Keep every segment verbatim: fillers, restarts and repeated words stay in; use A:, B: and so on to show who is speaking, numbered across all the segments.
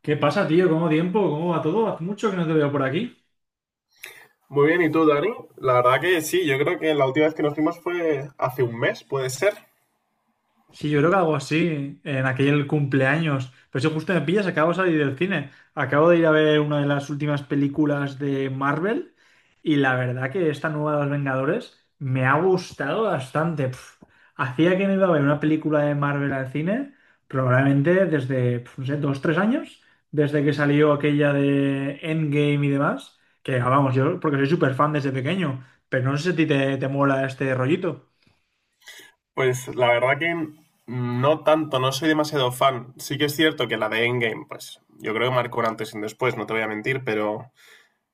A: ¿Qué pasa, tío? ¿Cómo tiempo? ¿Cómo va todo? Hace mucho que no te veo por aquí.
B: Muy bien, ¿y tú, Dani? La verdad que sí, yo creo que la última vez que nos vimos fue hace un mes, ¿puede ser?
A: Sí, yo creo que algo así, en aquel cumpleaños. Pero si justo me pillas, acabo de salir del cine. Acabo de ir a ver una de las últimas películas de Marvel y la verdad que esta nueva de los Vengadores me ha gustado bastante. Pf, hacía que no iba a ver una película de Marvel al cine, probablemente desde, pf, no sé, dos, tres años, desde que salió aquella de Endgame y demás. Que ah, vamos, yo porque soy súper fan desde pequeño, pero no sé si a ti te, te mola este rollito.
B: Pues la verdad que no tanto, no soy demasiado fan. Sí que es cierto que la de Endgame, pues yo creo que marcó un antes y un después, no te voy a mentir, pero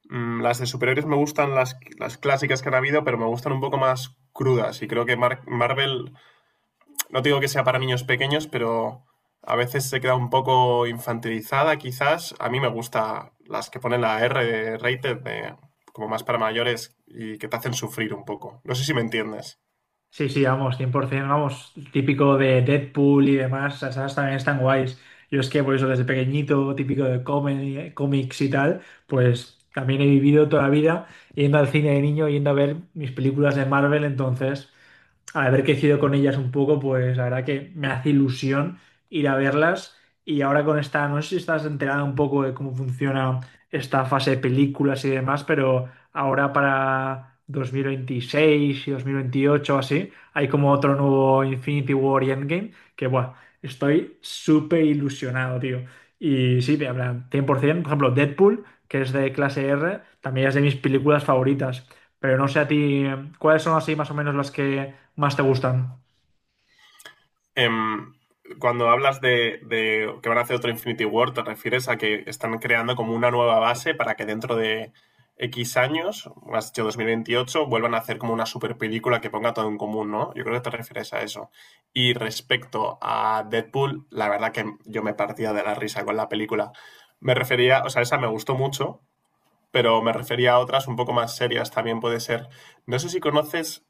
B: mm, las de superhéroes me gustan las, las clásicas que han habido, pero me gustan un poco más crudas y creo que Mar- Marvel no digo que sea para niños pequeños, pero a veces se queda un poco infantilizada, quizás. A mí me gusta las que ponen la R de rated, de, como más para mayores, y que te hacen sufrir un poco. ¿No sé si me entiendes?
A: Sí, sí, vamos, cien por ciento, vamos, típico de Deadpool y demás, esas también están guays. Yo es que por eso desde pequeñito, típico de comi- cómics y tal, pues también he vivido toda la vida yendo al cine de niño, yendo a ver mis películas de Marvel, entonces haber crecido con ellas un poco, pues la verdad que me hace ilusión ir a verlas. Y ahora con esta, no sé si estás enterada un poco de cómo funciona esta fase de películas y demás, pero ahora para dos mil veintiséis y dos mil veintiocho o así, hay como otro nuevo Infinity War y Endgame, que bueno, estoy súper ilusionado, tío. Y sí, te hablan cien por ciento, por ciento, por ejemplo, Deadpool, que es de clase R, también es de mis películas favoritas. Pero no sé a ti, ¿cuáles son así más o menos las que más te gustan?
B: Em, Cuando hablas de, de que van a hacer otro Infinity War, ¿te refieres a que están creando como una nueva base para que dentro de X años, has dicho dos mil veintiocho, vuelvan a hacer como una super película que ponga todo en común? No, yo creo que te refieres a eso. Y respecto a Deadpool, la verdad que yo me partía de la risa con la película. Me refería, o sea, esa me gustó mucho, pero me refería a otras un poco más serias, también puede ser. No sé si conoces,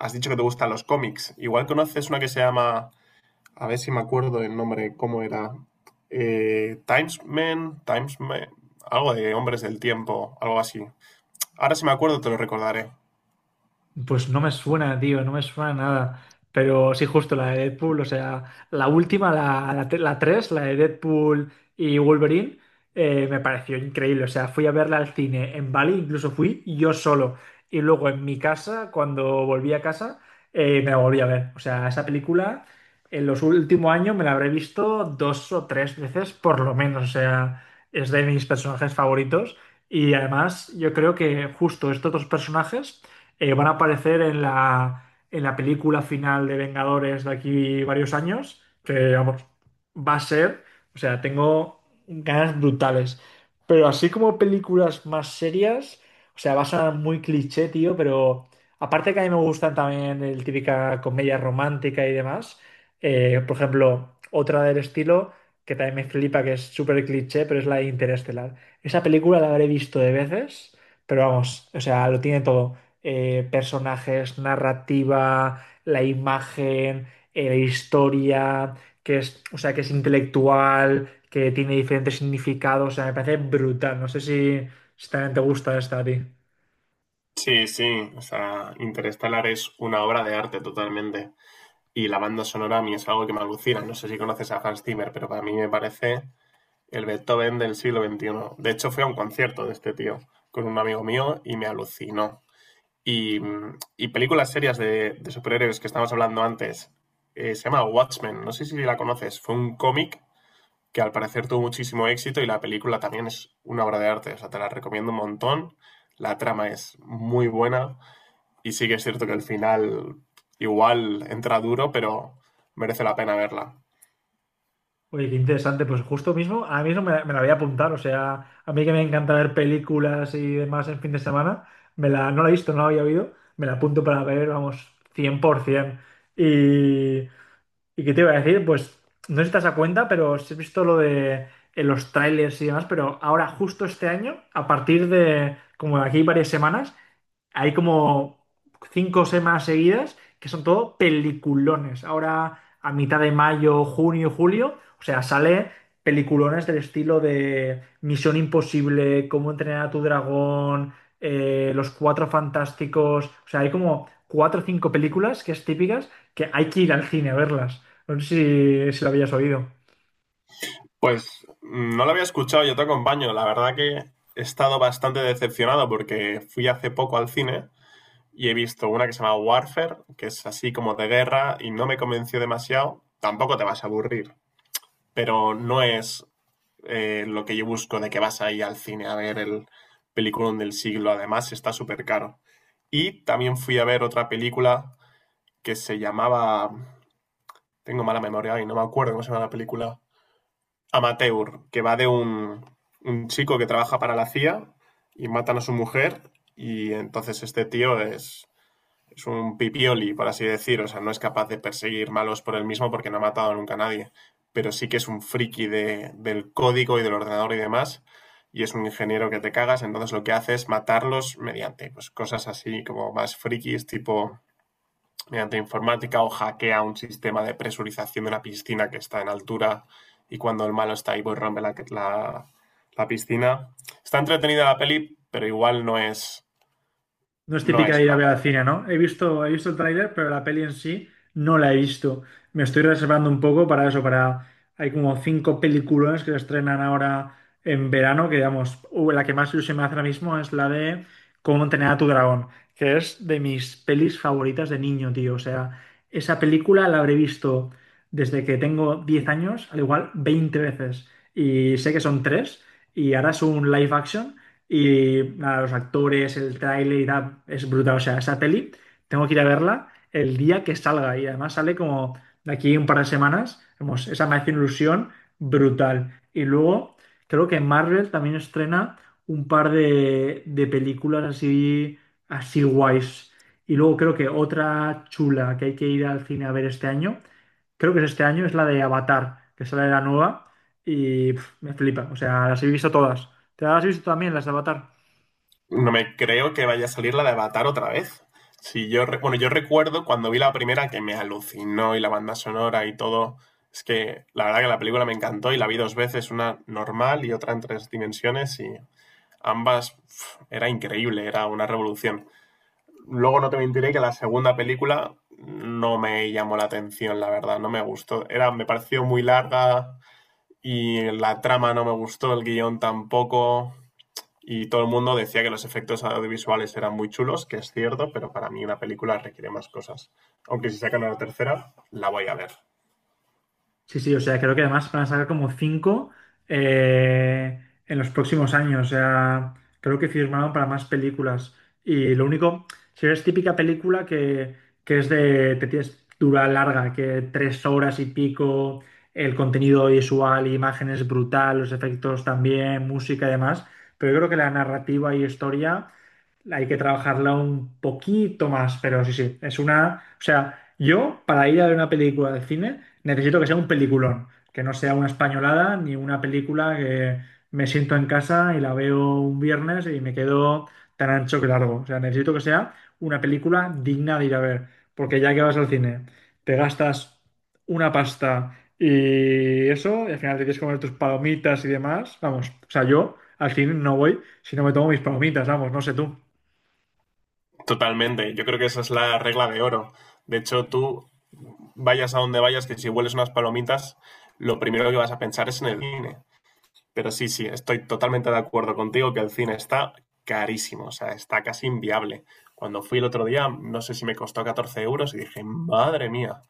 B: has dicho que te gustan los cómics, igual conoces una que se llama, a ver si me acuerdo el nombre, cómo era. Eh, Timesman, Timesman, algo de Hombres del Tiempo, algo así. Ahora si me acuerdo te lo recordaré.
A: Pues no me suena, tío, no me suena nada. Pero sí, justo la de Deadpool, o sea, la última, la, la, te- la tres, la de Deadpool y Wolverine, eh, me pareció increíble. O sea, fui a verla al cine en Bali, incluso fui yo solo. Y luego en mi casa, cuando volví a casa, eh, me la volví a ver. O sea, esa película en los últimos años me la habré visto dos o tres veces por lo menos. O sea, es de mis personajes favoritos. Y además, yo creo que justo estos dos personajes eh, van a aparecer en la, en la película final de Vengadores de aquí varios años, que vamos, va a ser, o sea, tengo ganas brutales. Pero así como películas más serias, o sea, va a sonar muy cliché, tío, pero aparte que a mí me gustan también el típica comedia romántica y demás, eh, por ejemplo, otra del estilo que también me flipa, que es súper cliché, pero es la de Interestelar. Esa película la habré visto de veces, pero vamos, o sea, lo tiene todo eh, personajes, narrativa, la imagen, eh, la historia, que es, o sea, que es intelectual, que tiene diferentes significados. O sea, me parece brutal. No sé si, si también te gusta esta a ti.
B: Sí, sí, o sea, Interstellar es una obra de arte totalmente. Y la banda sonora a mí es algo que me alucina. No sé si conoces a Hans Zimmer, pero para mí me parece el Beethoven del siglo veintiuno. De hecho, fui a un concierto de este tío con un amigo mío y me alucinó. Y, y películas serias de, de, superhéroes que estábamos hablando antes. Eh, se llama Watchmen, no sé si la conoces. Fue un cómic que al parecer tuvo muchísimo éxito y la película también es una obra de arte. O sea, te la recomiendo un montón. La trama es muy buena y sí que es cierto que el final igual entra duro, pero merece la pena verla.
A: Oye, qué interesante. Pues justo mismo, ahora mismo me, la me la voy a apuntar. O sea, a mí que me encanta ver películas y demás en fin de semana, me la, no la he visto, no la había oído. Me la apunto para ver, vamos, cien por ciento. Y, ¿Y qué te iba a decir? Pues no sé si te has dado cuenta, pero sí he visto lo de en los trailers y demás, pero ahora justo este año, a partir de como de aquí varias semanas, hay como cinco o seis más seguidas que son todo peliculones. Ahora, a mitad de mayo, junio, julio, o sea, sale peliculones del estilo de Misión Imposible, Cómo entrenar a tu dragón, eh, Los Cuatro Fantásticos. O sea, hay como cuatro o cinco películas que es típicas que hay que ir al cine a verlas. No sé si, si lo habías oído.
B: Pues mm, no la había escuchado, yo te acompaño. La verdad que he estado bastante decepcionado porque fui hace poco al cine y he visto una que se llama Warfare, que es así como de guerra y no me convenció demasiado. Tampoco te vas a aburrir, pero no es eh, lo que yo busco, de que vas ahí al cine a ver el peliculón del siglo. Además, está súper caro. Y también fui a ver otra película que se llamaba. Tengo mala memoria y no me acuerdo cómo se llama la película. Amateur, que va de un, un chico que trabaja para la C I A y matan a su mujer. Y entonces este tío es, es un pipioli, por así decir, o sea, no es capaz de perseguir malos por él mismo porque no ha matado nunca a nadie, pero sí que es un friki de, del código y del ordenador y demás, y es un ingeniero que te cagas. Entonces lo que hace es matarlos mediante, pues, cosas así como más frikis, tipo mediante informática, o hackea un sistema de presurización de una piscina que está en altura, y cuando el malo está ahí pues rompe la, la, la piscina. Está entretenida la peli, pero igual no es,
A: No es
B: no
A: típica
B: es
A: de ir
B: una...
A: a ver al cine, ¿no? He visto, he visto el tráiler, pero la peli en sí no la he visto. Me estoy reservando un poco para eso, para... Hay como cinco películas que se estrenan ahora en verano, que digamos, uh, la que más ilusión me hace ahora mismo es la de Cómo entrenar a tu dragón, que es de mis pelis favoritas de niño, tío. O sea, esa película la habré visto desde que tengo diez años, al igual veinte veces. Y sé que son tres, y ahora es un live action. Y nada, los actores, el tráiler y tal, es brutal. O sea, esa peli tengo que ir a verla el día que salga. Y además sale como de aquí un par de semanas. Vamos, esa me hace una ilusión brutal. Y luego creo que Marvel también estrena un par de, de películas así, así guays. Y luego creo que otra chula que hay que ir al cine a ver este año, creo que es este año, es la de Avatar, que sale la nueva. Y pf, me flipa. O sea, las he visto todas. ¿Te las has visto también, las de Avatar?
B: No me creo que vaya a salir la de Avatar otra vez. Si yo, re- bueno, yo recuerdo cuando vi la primera que me alucinó, y la banda sonora y todo. Es que la verdad que la película me encantó y la vi dos veces, una normal y otra en tres dimensiones, y ambas pf, era increíble, era una revolución. Luego no te mentiré que la segunda película no me llamó la atención, la verdad, no me gustó. Era, me pareció muy larga y la trama no me gustó, el guión tampoco. Y todo el mundo decía que los efectos audiovisuales eran muy chulos, que es cierto, pero para mí una película requiere más cosas. Aunque si sacan una tercera, la voy a ver.
A: Sí, sí, o sea, creo que además van a sacar como cinco eh, en los próximos años. O sea, creo que firmaron para más películas. Y lo único, si es típica película que, que es de, te tienes dura larga, que tres horas y pico, el contenido visual, imágenes brutal, los efectos también, música y demás. Pero yo creo que la narrativa y historia hay que trabajarla un poquito más, pero sí, sí, es una... O sea, yo para ir a ver una película de cine necesito que sea un peliculón, que no sea una españolada ni una película que me siento en casa y la veo un viernes y me quedo tan ancho que largo. O sea, necesito que sea una película digna de ir a ver, porque ya que vas al cine, te gastas una pasta y eso, y al final te tienes que comer tus palomitas y demás, vamos, o sea, yo al cine no voy si no me tomo mis palomitas, vamos, no sé tú.
B: Totalmente. Yo creo que esa es la regla de oro. De hecho, tú vayas a donde vayas, que si hueles unas palomitas, lo primero que vas a pensar es en el cine. Pero sí, sí, estoy totalmente de acuerdo contigo que el cine está carísimo, o sea, está casi inviable. Cuando fui el otro día, no sé si me costó catorce euros y dije, madre mía.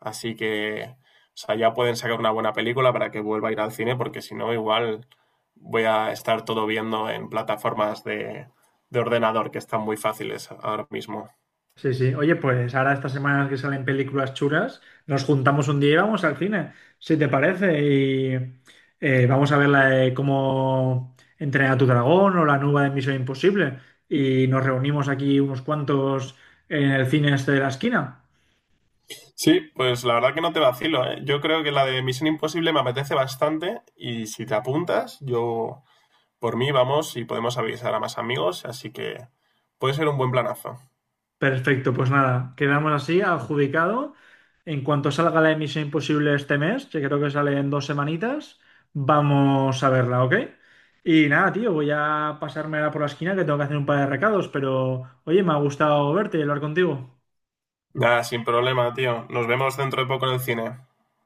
B: Así que, o sea, ya pueden sacar una buena película para que vuelva a ir al cine, porque si no, igual voy a estar todo viendo en plataformas de, de ordenador que están muy fáciles ahora mismo.
A: Sí, sí. Oye, pues ahora estas semanas que salen películas chulas, nos juntamos un día y vamos al cine, si te parece, y eh, vamos a ver la de cómo entrenar a tu dragón o la nueva de Misión Imposible. Y nos reunimos aquí unos cuantos en el cine este de la esquina.
B: Sí, pues la verdad que no te vacilo, ¿eh? Yo creo que la de Misión Imposible me apetece bastante, y si te apuntas, yo por mí vamos y podemos avisar a más amigos, así que puede ser un buen planazo.
A: Perfecto, pues nada, quedamos así, adjudicado. En cuanto salga la emisión Imposible este mes, que creo que sale en dos semanitas, vamos a verla, ¿ok? Y nada, tío, voy a pasarme ahora por la esquina que tengo que hacer un par de recados, pero oye, me ha gustado verte y hablar contigo.
B: Nada, sin problema, tío. Nos vemos dentro de poco en el cine.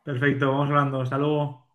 A: Perfecto, vamos hablando, hasta luego.